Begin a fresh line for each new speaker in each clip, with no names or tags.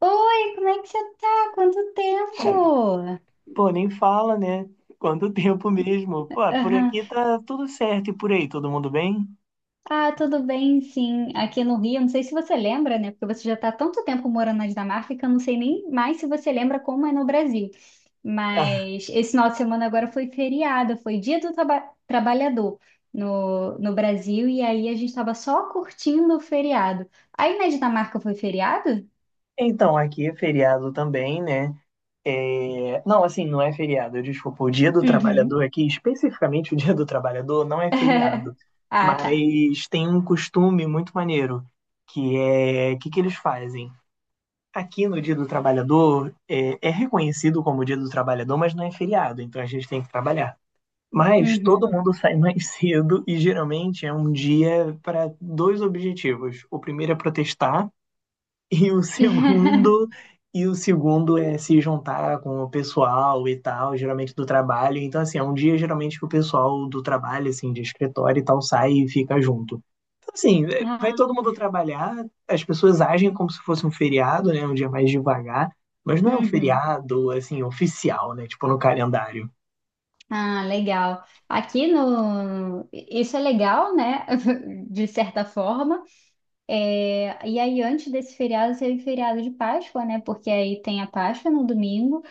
Oi, como é que você tá? Quanto tempo?
Pô, nem fala, né? Quanto tempo mesmo. Pô, por
Aham.
aqui tá tudo certo e por aí, todo mundo bem?
Ah, tudo bem, sim. Aqui no Rio, não sei se você lembra, né? Porque você já está há tanto tempo morando na Dinamarca que eu não sei nem mais se você lembra como é no Brasil. Mas esse final de semana agora foi feriado, foi Dia do Trabalhador no Brasil, e aí a gente estava só curtindo o feriado. Aí na Dinamarca foi feriado?
Então, aqui é feriado também, né? É, não, assim, não é feriado. Desculpa, o Dia do
Uhum.
Trabalhador aqui, especificamente o Dia do Trabalhador, não é feriado.
Ah, tá.
Mas tem um costume muito maneiro, o que que eles fazem? Aqui no Dia do Trabalhador, é reconhecido como Dia do Trabalhador, mas não é feriado, então a gente tem que trabalhar. Mas todo
Uhum.
mundo sai mais cedo e geralmente é um dia para dois objetivos. O primeiro é protestar e o segundo e o segundo é se juntar com o pessoal e tal, geralmente do trabalho. Então assim, é um dia geralmente que o pessoal do trabalho, assim, de escritório e tal, sai e fica junto. Então assim, vai
Ah,
todo mundo trabalhar, as pessoas agem como se fosse um feriado, né, um dia mais devagar, mas não é um
uhum.
feriado assim oficial, né, tipo no calendário.
Ah, legal. Aqui no. Isso é legal, né? De certa forma. É, e aí, antes desse feriado, teve feriado de Páscoa, né? Porque aí tem a Páscoa no domingo,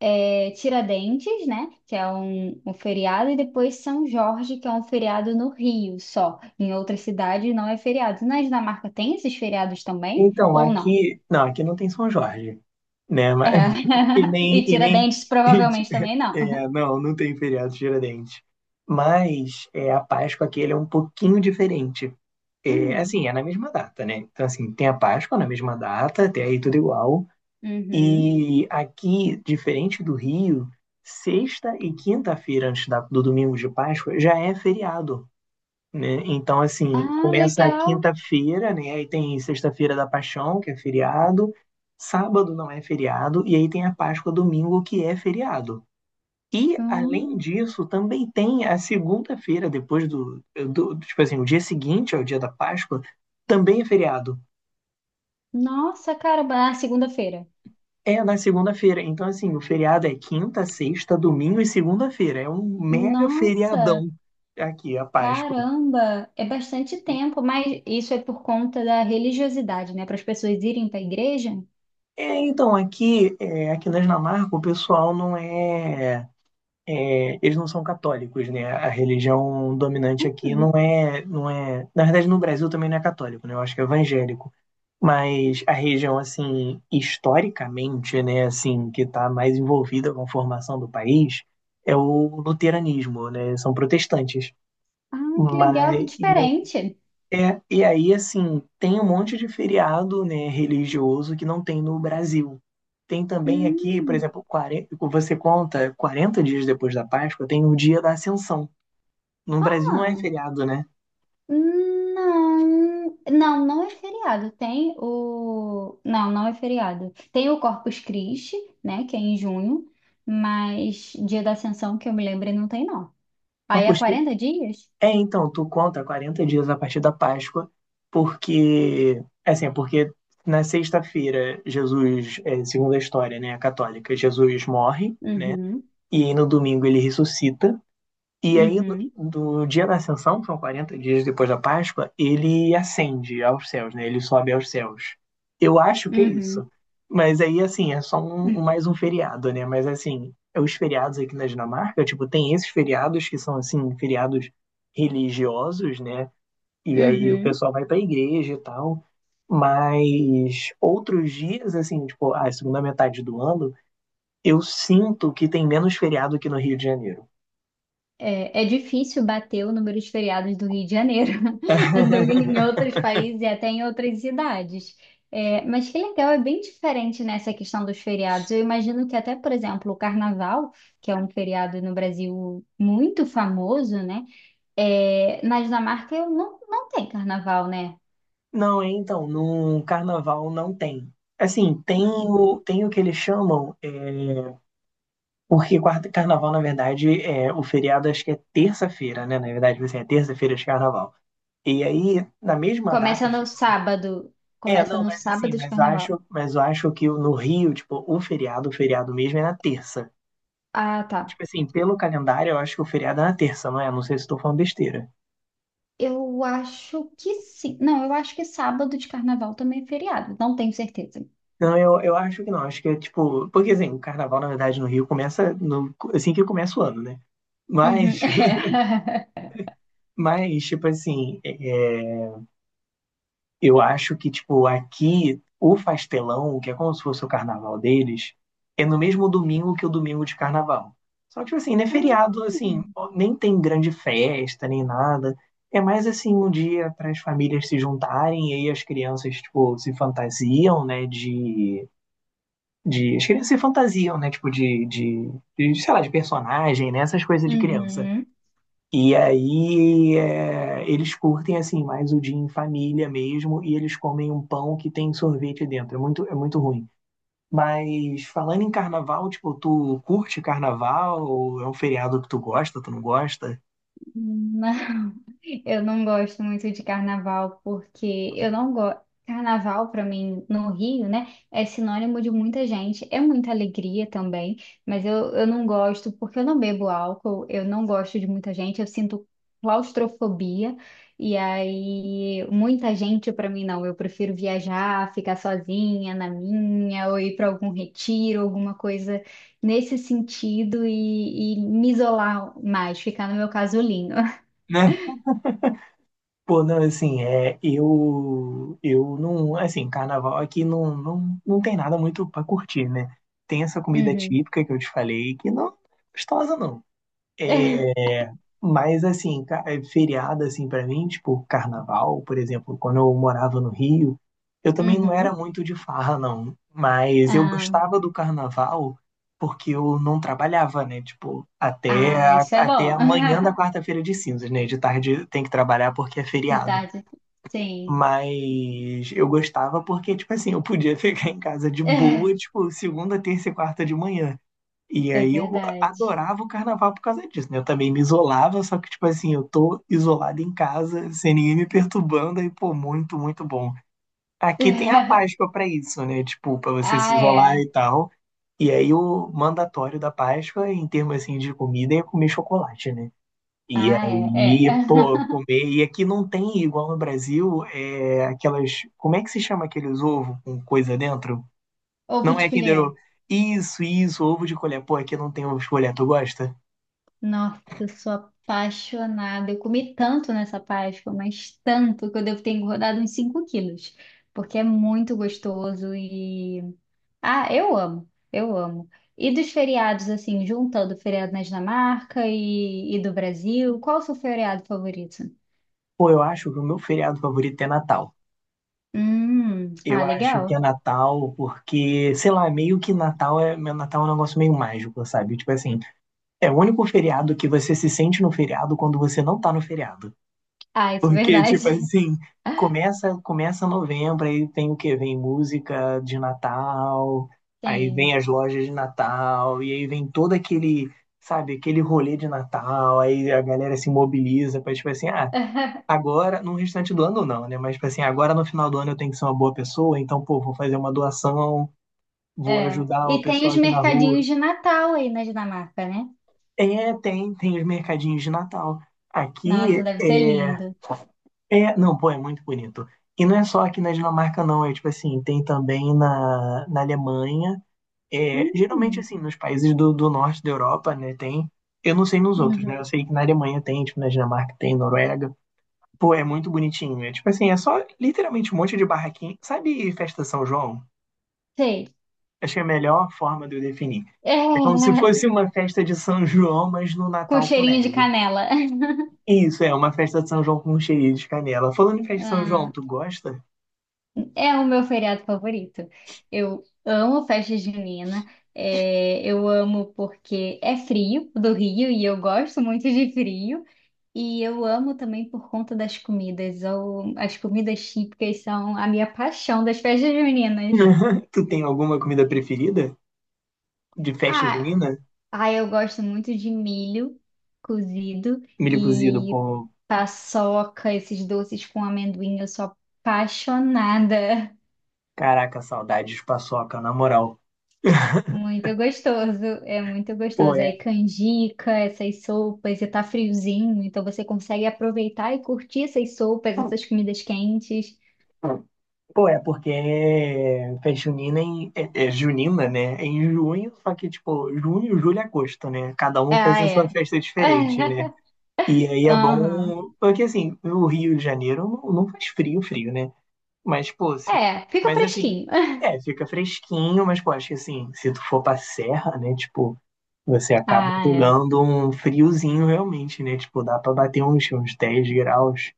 Tiradentes, né? Que é um feriado, e depois São Jorge, que é um feriado no Rio só. Em outras cidades não é feriado. Na Dinamarca tem esses feriados também?
Então,
Ou não?
aqui, não, aqui não tem São Jorge, né?
É.
Mas, e nem.
E
E nem
Tiradentes provavelmente também não.
é, não, não tem feriado de Tiradentes. Mas é, a Páscoa aqui ele é um pouquinho diferente. É,
Hum.
assim, é na mesma data, né? Então, assim, tem a Páscoa na mesma data, até aí tudo igual.
Uhum.
E aqui, diferente do Rio, sexta e quinta-feira antes do domingo de Páscoa já é feriado, né? Então, assim,
Ah,
começa a
legal.
quinta-feira, né? Aí tem sexta-feira da Paixão, que é feriado. Sábado não é feriado. E aí tem a Páscoa domingo, que é feriado. E, além
Hum.
disso, também tem a segunda-feira, depois do. Tipo assim, o dia seguinte ao dia da Páscoa, também é feriado.
Nossa, cara, na segunda-feira.
É na segunda-feira. Então, assim, o feriado é quinta, sexta, domingo e segunda-feira. É um mega
Nossa,
feriadão aqui, a Páscoa.
caramba, é bastante tempo, mas isso é por conta da religiosidade, né? Para as pessoas irem para a igreja.
É, então, aqui, aqui na Dinamarca, o pessoal não é, é, eles não são católicos, né? A religião dominante aqui
Hum,
não é, não é. Na verdade, no Brasil também não é católico, né? Eu acho que é evangélico. Mas a região, assim, historicamente, né, assim, que está mais envolvida com a formação do país é o luteranismo, né? São protestantes.
Ah, que legal, que
Mas,
diferente.
é, e aí, assim, tem um monte de feriado, né, religioso, que não tem no Brasil. Tem também aqui, por
Hum,
exemplo, 40, você conta 40 dias depois da Páscoa, tem o dia da Ascensão. No Brasil não é
ah,
feriado, né?
não, não, não é feriado. Não, não é feriado. Tem o Corpus Christi, né? Que é em junho, mas Dia da Ascensão que eu me lembre não tem não.
Mas,
Aí é
poxa,
40 dias?
é, então, tu conta 40 dias a partir da Páscoa, porque, assim, porque na sexta-feira, Jesus, segundo a história, né, católica, Jesus morre, né,
Uhum,
e aí no domingo ele ressuscita. E aí,
uhum.
do dia da Ascensão, que são 40 dias depois da Páscoa, ele ascende aos céus, né? Ele sobe aos céus. Eu acho que é
Uhum.
isso. Mas aí, assim, é só
Hum,
mais um feriado, né? Mas, assim, é, os feriados aqui na Dinamarca, tipo, tem esses feriados que são, assim, feriados religiosos, né? E aí o
uhum.
pessoal vai pra igreja e tal. Mas outros dias, assim, tipo, a segunda metade do ano, eu sinto que tem menos feriado que no Rio de Janeiro.
É, é difícil bater o número de feriados do Rio de Janeiro, do, em outros países e até em outras cidades. É, mas que legal, é bem diferente nessa questão dos feriados. Eu imagino que até, por exemplo, o Carnaval, que é um feriado no Brasil muito famoso, né? É, na Dinamarca eu não, não tem Carnaval, né?
Não, é, então, no carnaval não tem. Assim, tem o que eles chamam, porque quarta, carnaval, na verdade, é o feriado, acho que é terça-feira, né? Na verdade, você é terça-feira de carnaval. E aí, na mesma
Começa
data,
no
geralmente.
sábado.
É,
Começa
não,
no
mas assim,
sábado de
mas
Carnaval.
acho, mas eu acho que no Rio, tipo, o feriado mesmo é na terça.
Ah, tá.
Tipo assim, pelo calendário, eu acho que o feriado é na terça, não é? Não sei se estou falando besteira.
Eu acho que sim. Não, eu acho que sábado de carnaval também é feriado. Não tenho certeza.
Não, eu acho que não. Acho que é tipo. Porque assim, o carnaval, na verdade, no Rio começa no, assim que começa o ano, né?
Uhum.
Mas,
É.
mas tipo assim, eu acho que, tipo, aqui o Fastelão, que é como se fosse o carnaval deles, é no mesmo domingo que o domingo de carnaval. Só que, tipo assim, né, feriado, assim, nem tem grande festa, nem nada. É mais assim um dia para as famílias se juntarem, e aí as crianças, tipo, se fantasiam, né, de de. As crianças se fantasiam, né? Tipo, de, sei lá, de personagem, né? Essas coisas de criança.
Uhum.
E aí eles curtem, assim, mais o dia em família mesmo, e eles comem um pão que tem sorvete dentro. É muito ruim. Mas falando em carnaval, tipo, tu curte carnaval? É um feriado que tu gosta, tu não gosta?
Uhum. Eu não gosto muito de carnaval porque eu não gosto. Carnaval, pra mim, no Rio, né, é sinônimo de muita gente, é muita alegria também, mas eu não gosto porque eu não bebo álcool, eu não gosto de muita gente, eu sinto claustrofobia, e aí muita gente pra mim não, eu prefiro viajar, ficar sozinha na minha, ou ir pra algum retiro, alguma coisa nesse sentido e me isolar mais, ficar no meu casulinho.
Né? Pô, não, assim, eu não, assim, carnaval aqui não, não, não tem nada muito pra curtir, né? Tem essa comida
Uhum.
típica que eu te falei, que não é gostosa, não. É, mas, assim, feriado, assim, pra mim, tipo, carnaval, por exemplo, quando eu morava no Rio, eu também não era
Uhum.
muito de farra, não. Mas eu
Ah,
gostava do carnaval porque eu não trabalhava, né? Tipo, até,
ah, isso é
até
bom.
amanhã da quarta-feira de cinzas, né? De tarde tem que trabalhar porque é
De
feriado.
tarde, sim.
Mas eu gostava porque, tipo assim, eu podia ficar em casa de boa, tipo, segunda, terça e quarta de manhã. E
É
aí eu
verdade.
adorava o carnaval por causa disso, né? Eu também me isolava, só que, tipo assim, eu tô isolado em casa, sem ninguém me perturbando, aí, pô, muito, muito bom. Aqui tem a Páscoa pra isso, né? Tipo, pra você se
Ah,
isolar
é.
e tal. E aí o mandatório da Páscoa, em termos, assim, de comida, é comer chocolate, né? E
Ah, é. É.
aí, pô, comer. E aqui não tem, igual no Brasil, aquelas. Como é que se chama aqueles ovos com coisa dentro?
Ovo
Não
de
é Kinder
colher.
Ovo. Isso, ovo de colher. Pô, aqui não tem ovo de colher, tu gosta?
Nossa, eu sou apaixonada. Eu comi tanto nessa Páscoa, mas tanto que eu devo ter engordado uns 5 quilos. Porque é muito gostoso e. Ah, eu amo. Eu amo. E dos feriados, assim, juntando o feriado na Dinamarca e do Brasil, qual o seu feriado favorito?
Pô, eu acho que o meu feriado favorito é Natal. Eu
Ah,
acho que é
legal.
Natal porque, sei lá, meio que Natal é, meu Natal é um negócio meio mágico, sabe? Tipo assim, é o único feriado que você se sente no feriado quando você não tá no feriado.
Ah, isso é
Porque, tipo
verdade.
assim, começa novembro, aí tem o quê? Vem música de Natal, aí vem
Sim.
as lojas de Natal, e aí vem todo aquele, sabe, aquele rolê de Natal, aí a galera se mobiliza pra, tipo assim, ah, agora, no restante do ano não, né? Mas, tipo assim, agora no final do ano eu tenho que ser uma boa pessoa, então, pô, vou fazer uma doação, vou
É.
ajudar uma
E tem
pessoa
os
aqui na rua.
mercadinhos de Natal aí na Dinamarca, né?
É, tem os mercadinhos de Natal.
Nossa,
Aqui,
deve ser lindo.
Não, pô, é muito bonito. E não é só aqui na Dinamarca, não. É tipo assim, tem também na, Alemanha. É, geralmente,
Hum,
assim, nos países do norte da Europa, né, tem. Eu não sei nos outros, né? Eu
uhum.
sei que na Alemanha tem, tipo, na Dinamarca tem, Noruega. Pô, é muito bonitinho. É tipo assim, é só literalmente um monte de barraquinha. Sabe festa São João?
Sei.
Achei a melhor forma de eu definir.
É,
É como se fosse uma festa de São João, mas no
com
Natal com
cheirinho de
neve.
canela.
Isso, é uma festa de São João com cheirinho de canela. Falando em festa de São João,
Ah,
tu gosta?
é o meu feriado favorito. Eu amo festa junina. É, eu amo porque é frio do Rio e eu gosto muito de frio. E eu amo também por conta das comidas. Ou as comidas típicas são a minha paixão das festas juninas.
Tu tem alguma comida preferida de festa
Ah,
junina?
ah, eu gosto muito de milho cozido
Milho cozido,
e
pô.
paçoca, esses doces com amendoim. Eu sou apaixonada.
Caraca, saudades de paçoca, na moral.
Muito gostoso, é muito
Pô,
gostoso.
é.
Aí canjica, essas sopas, e tá friozinho, então você consegue aproveitar e curtir essas sopas, essas comidas quentes.
Pô, é porque festa junina é junina, né? É em junho, só que, tipo, junho, julho e agosto, né? Cada um faz
Ah,
a sua
é.
festa diferente, né? E aí é
Aham.
bom. Porque, assim, o Rio de Janeiro não, não faz frio, frio, né? Mas, pô, se...
É, fica
mas assim.
fresquinho.
É, fica fresquinho, mas, pô, acho que assim, se tu for pra serra, né, tipo, você acaba
Ah, é.
pegando um friozinho realmente, né? Tipo, dá pra bater uns 10 graus.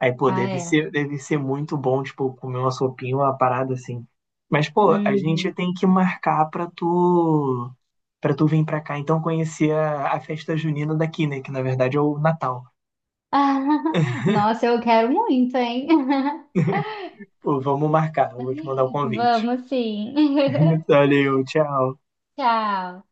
Aí, pô,
Ah,
deve
é.
ser, deve ser muito bom, tipo, comer uma sopinha, uma parada assim. Mas, pô, a gente
Uhum.
tem que marcar pra tu, vir pra cá, então conhecer a festa junina daqui, né? Que na verdade é o Natal.
Nossa, eu quero muito, hein?
Pô, vamos marcar, eu vou te mandar o convite.
Vamos sim.
Valeu, tchau.
Tchau.